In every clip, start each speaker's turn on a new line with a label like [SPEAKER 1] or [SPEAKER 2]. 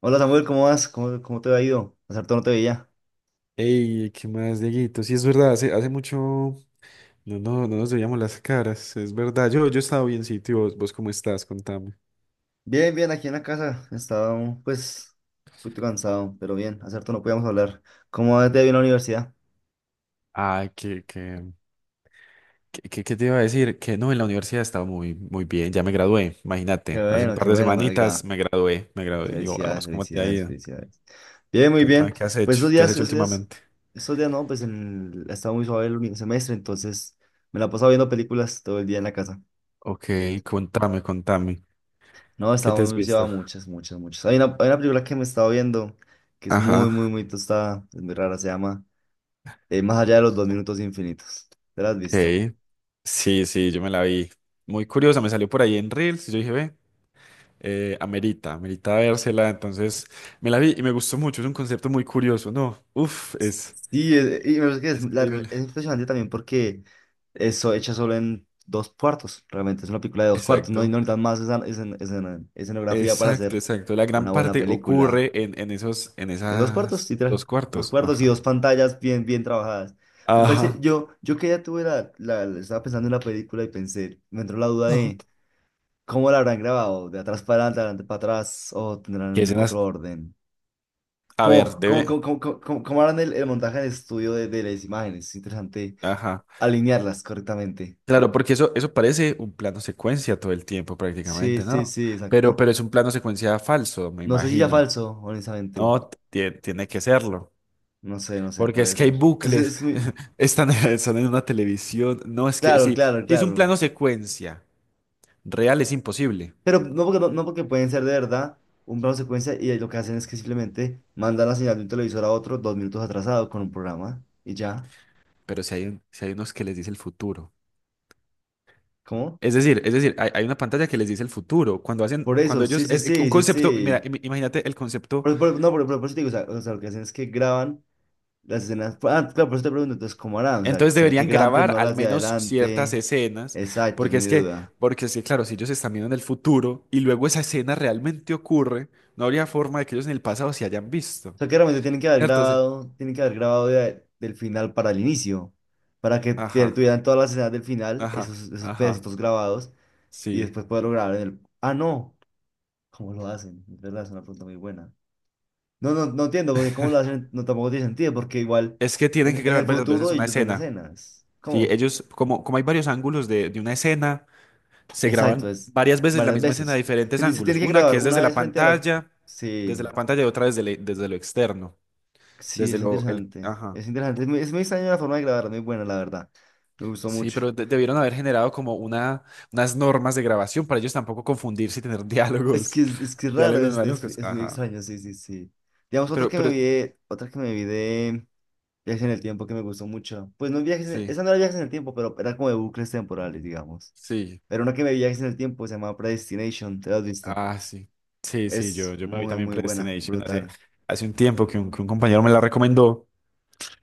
[SPEAKER 1] Hola Samuel, ¿cómo vas? ¿Cómo te ha ido? Hace harto no te veía.
[SPEAKER 2] Ey, ¿qué más, Dieguito? Sí, es verdad, hace mucho no nos veíamos las caras, es verdad. Yo he estado bien, sí, tío. ¿Vos cómo estás? Contame.
[SPEAKER 1] Bien, bien, aquí en la casa. Estaba pues un poquito cansado, pero bien, hace harto no podíamos hablar. ¿Cómo te ha ido en la universidad?
[SPEAKER 2] Ah, que te iba a decir que no, en la universidad estaba muy, muy bien, ya me gradué, imagínate, hace un
[SPEAKER 1] Qué
[SPEAKER 2] par de
[SPEAKER 1] bueno, me
[SPEAKER 2] semanitas
[SPEAKER 1] alegra.
[SPEAKER 2] me gradué, y yo, "Ah,
[SPEAKER 1] Felicidades,
[SPEAKER 2] vos, ¿cómo te ha
[SPEAKER 1] felicidades,
[SPEAKER 2] ido?
[SPEAKER 1] felicidades. Bien, muy
[SPEAKER 2] Contame,
[SPEAKER 1] bien.
[SPEAKER 2] ¿qué has
[SPEAKER 1] Pues
[SPEAKER 2] hecho? ¿Qué has hecho últimamente?
[SPEAKER 1] esos días no, estaba muy suave el último semestre, entonces me la he pasado viendo películas todo el día en la casa.
[SPEAKER 2] Ok, contame, contame,
[SPEAKER 1] No,
[SPEAKER 2] ¿qué te
[SPEAKER 1] estaba
[SPEAKER 2] has
[SPEAKER 1] muy,
[SPEAKER 2] visto?
[SPEAKER 1] llevaba muchas, muchas, muchas. Hay una película que me estaba viendo que es muy, muy,
[SPEAKER 2] Ajá,
[SPEAKER 1] muy tostada, es muy rara, se llama, más allá de los dos minutos infinitos. ¿Te la has visto?
[SPEAKER 2] ok, sí, sí, yo me la vi, muy curiosa, me salió por ahí en Reels, y yo dije, ve. Amerita vérsela, entonces me la vi y me gustó mucho, es un concepto muy curioso, ¿no? Uf, es,
[SPEAKER 1] Sí, y me parece que es,
[SPEAKER 2] es increíble.
[SPEAKER 1] es impresionante también porque eso hecha solo en dos cuartos. Realmente es una película de dos cuartos. No, y no
[SPEAKER 2] Exacto,
[SPEAKER 1] necesitan más escenografía para
[SPEAKER 2] exacto,
[SPEAKER 1] hacer
[SPEAKER 2] exacto. La
[SPEAKER 1] una
[SPEAKER 2] gran
[SPEAKER 1] buena
[SPEAKER 2] parte
[SPEAKER 1] película.
[SPEAKER 2] ocurre en, en esos, en
[SPEAKER 1] En dos cuartos,
[SPEAKER 2] esas dos
[SPEAKER 1] literal. Dos
[SPEAKER 2] cuartos.
[SPEAKER 1] cuartos y
[SPEAKER 2] Ajá.
[SPEAKER 1] dos pantallas bien, bien trabajadas. Me parece,
[SPEAKER 2] Ajá.
[SPEAKER 1] yo que ya tuve estaba pensando en la película y pensé, me entró la duda
[SPEAKER 2] Ajá.
[SPEAKER 1] de cómo la habrán grabado, de atrás para adelante, de adelante para atrás, o
[SPEAKER 2] ¿Qué
[SPEAKER 1] tendrán
[SPEAKER 2] escenas?
[SPEAKER 1] otro orden.
[SPEAKER 2] A ver,
[SPEAKER 1] Como como
[SPEAKER 2] debe.
[SPEAKER 1] como como como como cómo harán el montaje en el estudio de las imágenes. Es interesante
[SPEAKER 2] Ajá.
[SPEAKER 1] alinearlas correctamente.
[SPEAKER 2] Claro, porque eso parece un plano secuencia todo el tiempo
[SPEAKER 1] Sí,
[SPEAKER 2] prácticamente,
[SPEAKER 1] sí,
[SPEAKER 2] ¿no?
[SPEAKER 1] sí,
[SPEAKER 2] Pero,
[SPEAKER 1] exacto.
[SPEAKER 2] pero es un plano secuencia falso, me
[SPEAKER 1] No sé si ya
[SPEAKER 2] imagino.
[SPEAKER 1] falso, honestamente.
[SPEAKER 2] No, tiene que serlo.
[SPEAKER 1] No sé, no sé,
[SPEAKER 2] Porque es
[SPEAKER 1] puede
[SPEAKER 2] que hay
[SPEAKER 1] ser. Es, que
[SPEAKER 2] bucles,
[SPEAKER 1] es muy…
[SPEAKER 2] están en una televisión. No, es que
[SPEAKER 1] Claro,
[SPEAKER 2] sí,
[SPEAKER 1] claro,
[SPEAKER 2] si es un
[SPEAKER 1] claro.
[SPEAKER 2] plano secuencia real es imposible,
[SPEAKER 1] Pero no porque pueden ser de verdad un plano secuencia, y lo que hacen es que simplemente mandan la señal de un televisor a otro dos minutos atrasado con un programa y ya.
[SPEAKER 2] pero si hay unos que les dice el futuro.
[SPEAKER 1] ¿Cómo?
[SPEAKER 2] Es decir, hay una pantalla que les dice el futuro. Cuando hacen,
[SPEAKER 1] Por eso,
[SPEAKER 2] cuando
[SPEAKER 1] sí,
[SPEAKER 2] ellos,
[SPEAKER 1] sí,
[SPEAKER 2] Es un
[SPEAKER 1] sí, sí,
[SPEAKER 2] concepto, mira,
[SPEAKER 1] sí.
[SPEAKER 2] imagínate el concepto.
[SPEAKER 1] Por- no, por eso te digo, o sea, lo que hacen es que graban las escenas. Pues, ah, claro, por eso te pregunto, entonces, ¿cómo harán? O sea,
[SPEAKER 2] Entonces
[SPEAKER 1] ¿será que
[SPEAKER 2] deberían
[SPEAKER 1] graban
[SPEAKER 2] grabar
[SPEAKER 1] primero
[SPEAKER 2] al
[SPEAKER 1] las de
[SPEAKER 2] menos ciertas
[SPEAKER 1] adelante?
[SPEAKER 2] escenas,
[SPEAKER 1] Exacto, es
[SPEAKER 2] porque
[SPEAKER 1] mi
[SPEAKER 2] es que,
[SPEAKER 1] duda.
[SPEAKER 2] porque es que, claro, si ellos están viendo en el futuro y luego esa escena realmente ocurre, no habría forma de que ellos en el pasado se hayan visto.
[SPEAKER 1] O sea, que realmente tienen que haber
[SPEAKER 2] ¿Cierto? Entonces,
[SPEAKER 1] grabado, del final para el inicio, para que
[SPEAKER 2] ajá,
[SPEAKER 1] tuvieran todas las escenas del final,
[SPEAKER 2] ajá.
[SPEAKER 1] esos
[SPEAKER 2] Ajá.
[SPEAKER 1] pedacitos grabados, y
[SPEAKER 2] Sí,
[SPEAKER 1] después poderlo grabar en el… Ah, no, ¿cómo lo hacen? Es verdad, es una pregunta muy buena. No, no, no entiendo, porque ¿cómo lo hacen? No, tampoco tiene sentido, porque igual
[SPEAKER 2] es que tienen
[SPEAKER 1] en,
[SPEAKER 2] que
[SPEAKER 1] en
[SPEAKER 2] grabar
[SPEAKER 1] el
[SPEAKER 2] varias veces
[SPEAKER 1] futuro
[SPEAKER 2] una
[SPEAKER 1] ellos ven
[SPEAKER 2] escena.
[SPEAKER 1] escenas.
[SPEAKER 2] Sí,
[SPEAKER 1] ¿Cómo?
[SPEAKER 2] ellos, como hay varios ángulos de una escena, se
[SPEAKER 1] Exacto,
[SPEAKER 2] graban
[SPEAKER 1] es
[SPEAKER 2] varias veces la
[SPEAKER 1] varias
[SPEAKER 2] misma escena de
[SPEAKER 1] veces.
[SPEAKER 2] diferentes
[SPEAKER 1] Se
[SPEAKER 2] ángulos.
[SPEAKER 1] tiene que
[SPEAKER 2] Una que
[SPEAKER 1] grabar
[SPEAKER 2] es
[SPEAKER 1] una
[SPEAKER 2] desde la
[SPEAKER 1] vez frente a la…
[SPEAKER 2] pantalla, desde la
[SPEAKER 1] Sí,
[SPEAKER 2] pantalla y otra desde lo externo,
[SPEAKER 1] sí,
[SPEAKER 2] desde
[SPEAKER 1] es
[SPEAKER 2] lo, el,
[SPEAKER 1] interesante.
[SPEAKER 2] ajá.
[SPEAKER 1] Es interesante. Es muy extraña la forma de grabar, muy buena, la verdad. Me gustó
[SPEAKER 2] Sí,
[SPEAKER 1] mucho.
[SPEAKER 2] pero debieron haber generado como unas normas de grabación para ellos tampoco confundirse y tener
[SPEAKER 1] Es
[SPEAKER 2] diálogos,
[SPEAKER 1] que es, es que es raro,
[SPEAKER 2] diálogos malucos,
[SPEAKER 1] es muy
[SPEAKER 2] ajá.
[SPEAKER 1] extraño, sí, sí, sí. Digamos,
[SPEAKER 2] Pero, pero,
[SPEAKER 1] otra que me vi de Viajes en el Tiempo que me gustó mucho. Pues no viajes,
[SPEAKER 2] sí,
[SPEAKER 1] esa no era Viajes en el Tiempo, pero era como de bucles temporales, digamos.
[SPEAKER 2] sí.
[SPEAKER 1] Pero una que me vi Viajes en el Tiempo se llama Predestination, ¿te la has visto?
[SPEAKER 2] Ah, sí. Sí, sí, yo,
[SPEAKER 1] Es
[SPEAKER 2] yo me vi
[SPEAKER 1] muy,
[SPEAKER 2] también
[SPEAKER 1] muy buena,
[SPEAKER 2] Predestination hace,
[SPEAKER 1] brutal.
[SPEAKER 2] hace un tiempo que un compañero me la recomendó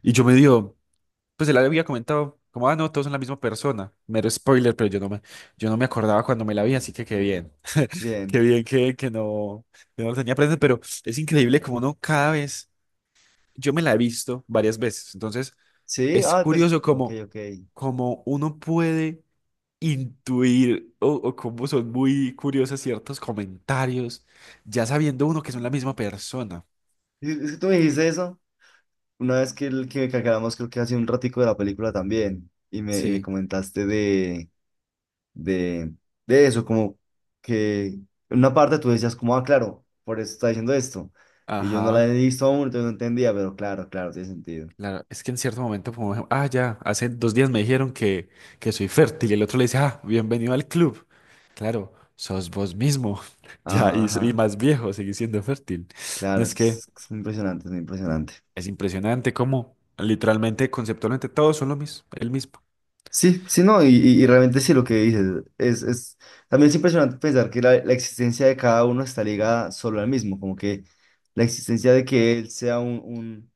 [SPEAKER 2] y yo me dio, pues él había comentado, como, ah, no, todos son la misma persona, mero spoiler, pero yo no me acordaba cuando me la vi, así que qué
[SPEAKER 1] Bien.
[SPEAKER 2] bien que no lo tenía presente, pero es increíble como no cada vez, yo me la he visto varias veces, entonces
[SPEAKER 1] Sí,
[SPEAKER 2] es
[SPEAKER 1] ah, pues,
[SPEAKER 2] curioso
[SPEAKER 1] ok,
[SPEAKER 2] como,
[SPEAKER 1] ok.
[SPEAKER 2] como uno puede intuir o cómo son muy curiosos ciertos comentarios, ya sabiendo uno que son la misma persona.
[SPEAKER 1] Es que tú me dijiste eso una vez que acabamos, creo que hace un ratico de la película también, y me,
[SPEAKER 2] Sí,
[SPEAKER 1] comentaste de, de eso, como que en una parte tú decías como, ah, claro, por eso está diciendo esto, y yo no la he
[SPEAKER 2] ajá.
[SPEAKER 1] visto aún, entonces no entendía, pero claro, claro, tiene sentido.
[SPEAKER 2] Claro, es que en cierto momento, como, ah, ya, hace dos días me dijeron que soy fértil y el otro le dice, ah, bienvenido al club. Claro, sos vos mismo. Ya,
[SPEAKER 1] Ajá,
[SPEAKER 2] y
[SPEAKER 1] ajá,
[SPEAKER 2] más viejo, seguís siendo fértil. No
[SPEAKER 1] claro,
[SPEAKER 2] es que
[SPEAKER 1] es muy impresionante, es muy impresionante.
[SPEAKER 2] es impresionante cómo literalmente, conceptualmente, todos son lo mismo, el mismo.
[SPEAKER 1] Sí, sí, no, y realmente sí lo que dices, es, es, también es impresionante pensar que la existencia de cada uno está ligada solo al mismo, como que la existencia de que él sea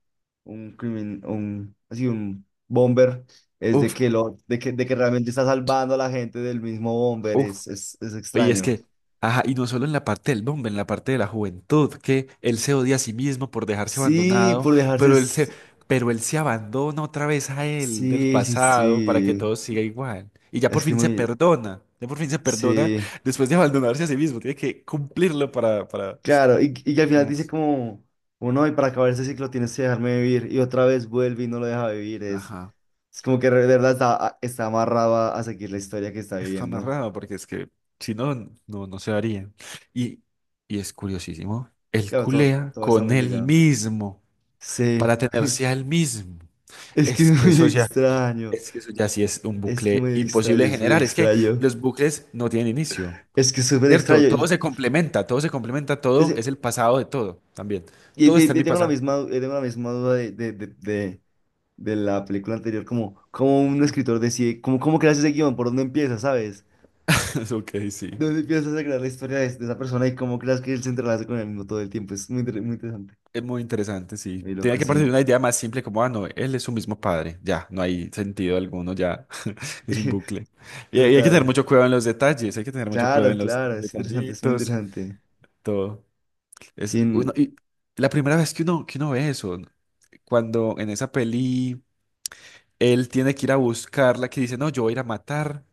[SPEAKER 1] un, crimin- un, así, un bomber, es de
[SPEAKER 2] Uf,
[SPEAKER 1] que, lo, de que realmente está salvando a la gente del mismo bomber,
[SPEAKER 2] uf.
[SPEAKER 1] es
[SPEAKER 2] Y es
[SPEAKER 1] extraño.
[SPEAKER 2] que, ajá, y no solo en la parte del hombre, en la parte de la juventud, que él se odia a sí mismo por dejarse
[SPEAKER 1] Sí,
[SPEAKER 2] abandonado,
[SPEAKER 1] por dejarse,
[SPEAKER 2] pero él se, pero él se abandona otra vez a él del
[SPEAKER 1] sí, sí,
[SPEAKER 2] pasado para que
[SPEAKER 1] sí,
[SPEAKER 2] todo siga igual. Y ya
[SPEAKER 1] es
[SPEAKER 2] por
[SPEAKER 1] que
[SPEAKER 2] fin se
[SPEAKER 1] muy,
[SPEAKER 2] perdona, ya por fin se perdona
[SPEAKER 1] sí.
[SPEAKER 2] después de abandonarse a sí mismo, tiene que cumplirlo para.
[SPEAKER 1] Claro, y que al final dice
[SPEAKER 2] Señores.
[SPEAKER 1] como, uno, y para acabar este ciclo tienes que dejarme vivir, y otra vez vuelve y no lo deja vivir, es,
[SPEAKER 2] Ajá,
[SPEAKER 1] como que de verdad está amarrado a seguir la historia que está
[SPEAKER 2] está
[SPEAKER 1] viviendo.
[SPEAKER 2] narrado porque es que si no, no se daría. Y, y es curiosísimo, él
[SPEAKER 1] Claro, todo,
[SPEAKER 2] culea
[SPEAKER 1] todo está
[SPEAKER 2] con
[SPEAKER 1] muy
[SPEAKER 2] él
[SPEAKER 1] ligado.
[SPEAKER 2] mismo para
[SPEAKER 1] Sí,
[SPEAKER 2] tenerse a él mismo.
[SPEAKER 1] es que
[SPEAKER 2] Es
[SPEAKER 1] es
[SPEAKER 2] que
[SPEAKER 1] muy
[SPEAKER 2] eso ya,
[SPEAKER 1] extraño,
[SPEAKER 2] es que eso ya sí es un
[SPEAKER 1] es
[SPEAKER 2] bucle
[SPEAKER 1] muy
[SPEAKER 2] imposible
[SPEAKER 1] extraño,
[SPEAKER 2] de
[SPEAKER 1] es muy
[SPEAKER 2] generar. Es que
[SPEAKER 1] extraño,
[SPEAKER 2] los bucles no tienen inicio,
[SPEAKER 1] es que es súper
[SPEAKER 2] ¿cierto?
[SPEAKER 1] extraño.
[SPEAKER 2] Todo se complementa, todo se complementa, todo
[SPEAKER 1] Es-
[SPEAKER 2] es el pasado de todo también. Todo está en mi
[SPEAKER 1] tengo la
[SPEAKER 2] pasado.
[SPEAKER 1] misma, tengo la misma duda de, de la película anterior, como, como un escritor decide, como, cómo creas ese guión, por dónde empieza, ¿sabes?
[SPEAKER 2] Es Ok, sí.
[SPEAKER 1] ¿Dónde empiezas a crear la historia de esa persona y cómo creas que él se entrelaza con el mismo todo el tiempo? Es muy, muy interesante.
[SPEAKER 2] Es muy interesante, sí.
[SPEAKER 1] Muy
[SPEAKER 2] Tenía
[SPEAKER 1] loco,
[SPEAKER 2] que partir de
[SPEAKER 1] sí.
[SPEAKER 2] una idea más simple como, ah, no, él es su mismo padre. Ya, no hay sentido alguno, ya. Es un bucle. Y hay que tener
[SPEAKER 1] Total.
[SPEAKER 2] mucho cuidado en los detalles, hay que tener mucho cuidado
[SPEAKER 1] Claro,
[SPEAKER 2] en los
[SPEAKER 1] claro, es interesante, es muy
[SPEAKER 2] detallitos,
[SPEAKER 1] interesante.
[SPEAKER 2] todo. Es uno,
[SPEAKER 1] Sin…
[SPEAKER 2] y la primera vez que uno ve eso, cuando en esa peli. Él tiene que ir a buscarla, que dice, no, yo voy a ir a matar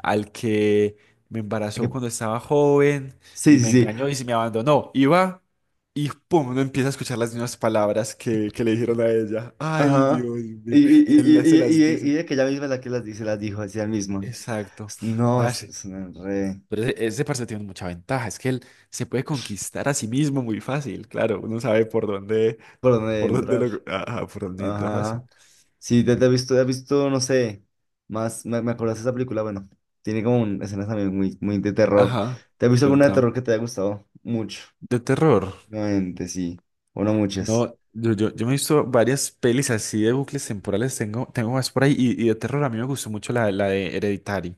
[SPEAKER 2] al que me embarazó
[SPEAKER 1] que-
[SPEAKER 2] cuando estaba joven
[SPEAKER 1] Sí,
[SPEAKER 2] y
[SPEAKER 1] sí,
[SPEAKER 2] me
[SPEAKER 1] sí.
[SPEAKER 2] engañó y se me abandonó. Y va y pum, uno empieza a escuchar las mismas palabras que le dijeron a ella. Ay,
[SPEAKER 1] Ajá.
[SPEAKER 2] Dios mío. Y él las- se las
[SPEAKER 1] Y
[SPEAKER 2] dice.
[SPEAKER 1] de que ella misma es la que las dice, las dijo así ella misma.
[SPEAKER 2] Exacto.
[SPEAKER 1] No,
[SPEAKER 2] Parce.
[SPEAKER 1] es una re…
[SPEAKER 2] Pero ese parce tiene mucha ventaja. Es que él se puede conquistar a sí mismo muy fácil. Claro, uno sabe por dónde,
[SPEAKER 1] ¿Por dónde
[SPEAKER 2] por dónde
[SPEAKER 1] entrar?
[SPEAKER 2] lo, ajá, por dónde entra
[SPEAKER 1] Ajá,
[SPEAKER 2] fácil.
[SPEAKER 1] ajá. Sí, te he visto, no sé, más, me acuerdas de esa película, bueno, tiene como escenas también muy, muy de terror.
[SPEAKER 2] Ajá,
[SPEAKER 1] ¿Te has visto alguna de
[SPEAKER 2] contame.
[SPEAKER 1] terror que te haya gustado? Mucho,
[SPEAKER 2] De terror.
[SPEAKER 1] obviamente, sí, o no
[SPEAKER 2] No,
[SPEAKER 1] muchas.
[SPEAKER 2] yo me he visto varias pelis así de bucles temporales, tengo más por ahí, y de terror a mí me gustó mucho la de Hereditary,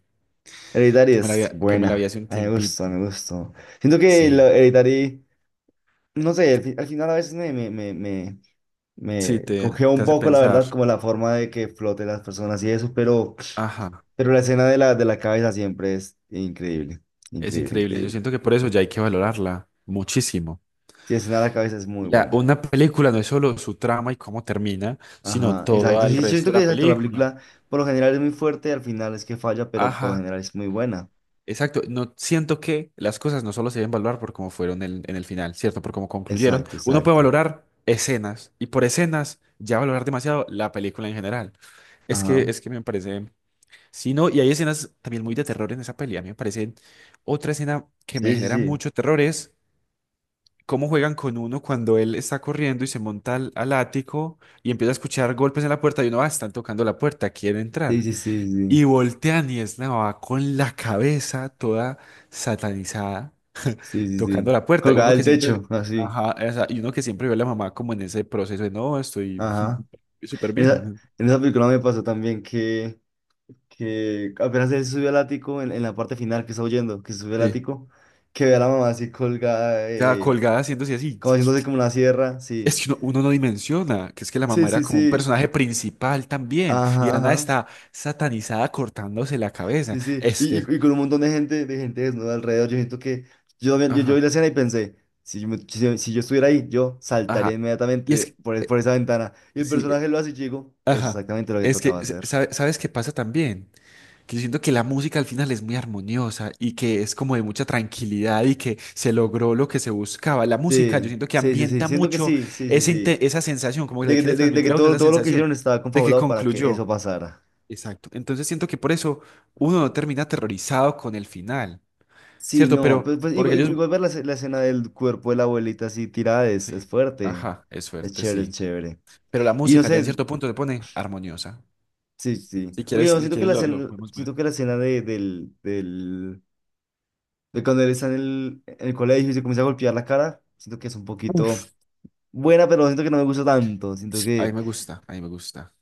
[SPEAKER 1] Hereditary
[SPEAKER 2] que me la
[SPEAKER 1] es
[SPEAKER 2] había, que me la vi
[SPEAKER 1] buena,
[SPEAKER 2] hace un
[SPEAKER 1] a mí me gustó,
[SPEAKER 2] tiempito.
[SPEAKER 1] me gustó. Siento que
[SPEAKER 2] Sí.
[SPEAKER 1] la Hereditary, no sé, al final a veces
[SPEAKER 2] Sí,
[SPEAKER 1] me
[SPEAKER 2] te,
[SPEAKER 1] cogió
[SPEAKER 2] te
[SPEAKER 1] un
[SPEAKER 2] hace
[SPEAKER 1] poco, la
[SPEAKER 2] pensar,
[SPEAKER 1] verdad, como la forma de que floten las personas y eso, pero,
[SPEAKER 2] ajá,
[SPEAKER 1] la escena de la cabeza siempre es increíble,
[SPEAKER 2] es
[SPEAKER 1] increíble,
[SPEAKER 2] increíble, yo
[SPEAKER 1] increíble.
[SPEAKER 2] siento que por eso ya hay que valorarla muchísimo.
[SPEAKER 1] Sí, escena de la cabeza es muy
[SPEAKER 2] La,
[SPEAKER 1] buena.
[SPEAKER 2] una película no es solo su trama y cómo termina, sino
[SPEAKER 1] Ajá,
[SPEAKER 2] todo
[SPEAKER 1] exacto.
[SPEAKER 2] el
[SPEAKER 1] Sí, yo
[SPEAKER 2] resto
[SPEAKER 1] siento
[SPEAKER 2] de
[SPEAKER 1] que
[SPEAKER 2] la
[SPEAKER 1] exacto, la
[SPEAKER 2] película.
[SPEAKER 1] película por lo general es muy fuerte y al final es que falla, pero por lo
[SPEAKER 2] Ajá.
[SPEAKER 1] general es muy buena.
[SPEAKER 2] Exacto, no siento que las cosas no solo se deben valorar por cómo fueron en el final, ¿cierto? Por cómo concluyeron.
[SPEAKER 1] Exacto,
[SPEAKER 2] Uno puede
[SPEAKER 1] exacto.
[SPEAKER 2] valorar escenas y por escenas ya valorar demasiado la película en general. Es que,
[SPEAKER 1] Ajá.
[SPEAKER 2] es que me parece, sí, no, y hay escenas también muy de terror en esa peli. A mí me parece otra escena que me
[SPEAKER 1] Sí, sí,
[SPEAKER 2] genera
[SPEAKER 1] sí.
[SPEAKER 2] mucho terror es cómo juegan con uno cuando él está corriendo y se monta al ático y empieza a escuchar golpes en la puerta y uno, ah, están tocando la puerta, quiere
[SPEAKER 1] Sí,
[SPEAKER 2] entrar.
[SPEAKER 1] sí, sí, sí.
[SPEAKER 2] Y voltean y es Nava con la cabeza toda satanizada,
[SPEAKER 1] Sí, sí,
[SPEAKER 2] tocando
[SPEAKER 1] sí.
[SPEAKER 2] la puerta.
[SPEAKER 1] Colgada
[SPEAKER 2] Uno que
[SPEAKER 1] del techo,
[SPEAKER 2] siempre,
[SPEAKER 1] así.
[SPEAKER 2] ajá, y uno que siempre vio a la mamá como en ese proceso de no, estoy
[SPEAKER 1] Ajá.
[SPEAKER 2] súper
[SPEAKER 1] En esa,
[SPEAKER 2] bien.
[SPEAKER 1] en esa película me pasó también que apenas él subió al ático, en la parte final que está huyendo, que se sube al
[SPEAKER 2] Sí,
[SPEAKER 1] ático, que ve a la mamá así colgada,
[SPEAKER 2] ya colgada haciéndose así.
[SPEAKER 1] como haciéndose como una sierra,
[SPEAKER 2] Es
[SPEAKER 1] sí.
[SPEAKER 2] que uno no dimensiona, que es que la
[SPEAKER 1] Sí,
[SPEAKER 2] mamá era
[SPEAKER 1] sí,
[SPEAKER 2] como un
[SPEAKER 1] sí.
[SPEAKER 2] personaje principal también. Y de
[SPEAKER 1] Ajá,
[SPEAKER 2] la nada
[SPEAKER 1] ajá.
[SPEAKER 2] está satanizada cortándose la cabeza.
[SPEAKER 1] Sí, sí,
[SPEAKER 2] Es que,
[SPEAKER 1] y con un montón de gente, desnuda alrededor, yo siento que yo vi
[SPEAKER 2] ajá,
[SPEAKER 1] la escena y pensé, si yo estuviera ahí, yo saltaría
[SPEAKER 2] ajá. Y es
[SPEAKER 1] inmediatamente
[SPEAKER 2] que,
[SPEAKER 1] por esa ventana. Y el
[SPEAKER 2] sí,
[SPEAKER 1] personaje lo hace y yo digo, es
[SPEAKER 2] ajá.
[SPEAKER 1] exactamente lo que
[SPEAKER 2] Es que,
[SPEAKER 1] tocaba hacer.
[SPEAKER 2] ¿sabes qué pasa también? Que yo siento que la música al final es muy armoniosa y que es como de mucha tranquilidad y que se logró lo que se buscaba. La música, yo
[SPEAKER 1] Sí,
[SPEAKER 2] siento que
[SPEAKER 1] sí, sí, sí,
[SPEAKER 2] ambienta
[SPEAKER 1] siento que
[SPEAKER 2] mucho
[SPEAKER 1] sí, sí, sí,
[SPEAKER 2] ese
[SPEAKER 1] sí.
[SPEAKER 2] inte- esa sensación, como que le quiere
[SPEAKER 1] De
[SPEAKER 2] transmitir
[SPEAKER 1] que
[SPEAKER 2] a uno
[SPEAKER 1] todo,
[SPEAKER 2] esa
[SPEAKER 1] todo lo que
[SPEAKER 2] sensación
[SPEAKER 1] hicieron estaba
[SPEAKER 2] de que
[SPEAKER 1] confabulado para que eso
[SPEAKER 2] concluyó.
[SPEAKER 1] pasara.
[SPEAKER 2] Exacto. Entonces siento que por eso uno no termina aterrorizado con el final,
[SPEAKER 1] Sí,
[SPEAKER 2] ¿cierto?
[SPEAKER 1] no,
[SPEAKER 2] Pero
[SPEAKER 1] pues,
[SPEAKER 2] porque
[SPEAKER 1] igual,
[SPEAKER 2] ellos...
[SPEAKER 1] ver la escena del cuerpo de la abuelita así tirada es
[SPEAKER 2] Sí.
[SPEAKER 1] fuerte,
[SPEAKER 2] Ajá, es
[SPEAKER 1] es
[SPEAKER 2] suerte,
[SPEAKER 1] chévere, es
[SPEAKER 2] sí.
[SPEAKER 1] chévere.
[SPEAKER 2] Pero la
[SPEAKER 1] Y no
[SPEAKER 2] música ya en
[SPEAKER 1] sé,
[SPEAKER 2] cierto punto se pone armoniosa.
[SPEAKER 1] sí, sí.
[SPEAKER 2] Si
[SPEAKER 1] Porque
[SPEAKER 2] quieres,
[SPEAKER 1] yo
[SPEAKER 2] si quieres lo podemos ver.
[SPEAKER 1] siento que la escena de cuando él está en el colegio y se comienza a golpear la cara, siento que es un
[SPEAKER 2] Uf,
[SPEAKER 1] poquito buena, pero siento que no me gusta tanto. Siento
[SPEAKER 2] a mí
[SPEAKER 1] que
[SPEAKER 2] me gusta, a mí me gusta.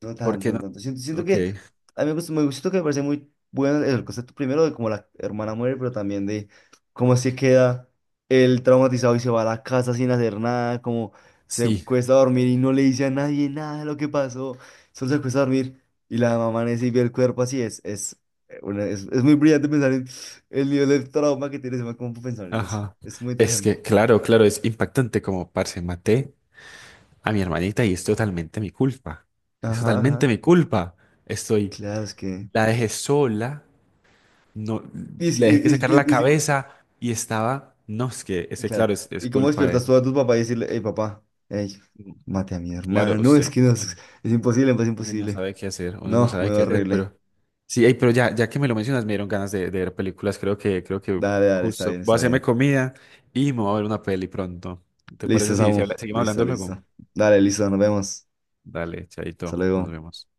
[SPEAKER 1] No
[SPEAKER 2] ¿Por
[SPEAKER 1] tanto,
[SPEAKER 2] qué
[SPEAKER 1] no
[SPEAKER 2] no?
[SPEAKER 1] tanto. Siento
[SPEAKER 2] Ok.
[SPEAKER 1] que a mí me gusta, me gusta, siento que me parece muy bueno el concepto primero de cómo la hermana muere, pero también de cómo se queda el traumatizado y se va a la casa sin hacer nada, como se
[SPEAKER 2] Sí.
[SPEAKER 1] cuesta dormir y no le dice a nadie nada de lo que pasó, solo se cuesta dormir y la mamá amanece y ve el cuerpo así, es muy brillante pensar en el nivel de trauma que tiene, se me cómo pensar en eso,
[SPEAKER 2] Ajá.
[SPEAKER 1] es muy
[SPEAKER 2] Es
[SPEAKER 1] interesante.
[SPEAKER 2] que, claro, claro, es impactante como, parce, maté a mi hermanita y es totalmente mi culpa. Es
[SPEAKER 1] Ajá,
[SPEAKER 2] totalmente
[SPEAKER 1] ajá,
[SPEAKER 2] mi culpa. Estoy,
[SPEAKER 1] claro, es que…
[SPEAKER 2] la dejé sola, no,
[SPEAKER 1] Y,
[SPEAKER 2] le dejé que sacara la
[SPEAKER 1] y,
[SPEAKER 2] cabeza y estaba, no, es que, ese,
[SPEAKER 1] claro.
[SPEAKER 2] claro, es
[SPEAKER 1] ¿Y cómo
[SPEAKER 2] culpa de
[SPEAKER 1] despiertas tú a tu papá y decirle, hey papá, hey,
[SPEAKER 2] él.
[SPEAKER 1] mate a mi
[SPEAKER 2] Claro,
[SPEAKER 1] hermana? No, es
[SPEAKER 2] usted,
[SPEAKER 1] que no,
[SPEAKER 2] uno,
[SPEAKER 1] es imposible, es
[SPEAKER 2] uno no
[SPEAKER 1] imposible.
[SPEAKER 2] sabe qué hacer, uno no
[SPEAKER 1] No, muy
[SPEAKER 2] sabe qué hacer,
[SPEAKER 1] horrible.
[SPEAKER 2] pero sí, ey, pero ya que me lo mencionas, me dieron ganas de ver películas. Creo que
[SPEAKER 1] Dale, dale, está
[SPEAKER 2] justo
[SPEAKER 1] bien,
[SPEAKER 2] voy a
[SPEAKER 1] está
[SPEAKER 2] hacerme
[SPEAKER 1] bien.
[SPEAKER 2] comida y me voy a ver una peli pronto. ¿Te
[SPEAKER 1] Listo,
[SPEAKER 2] parece si, si
[SPEAKER 1] Samu.
[SPEAKER 2] habla- seguimos
[SPEAKER 1] Listo,
[SPEAKER 2] hablando luego?
[SPEAKER 1] listo. Dale, listo, nos vemos.
[SPEAKER 2] Dale,
[SPEAKER 1] Hasta
[SPEAKER 2] chaito, nos
[SPEAKER 1] luego.
[SPEAKER 2] vemos.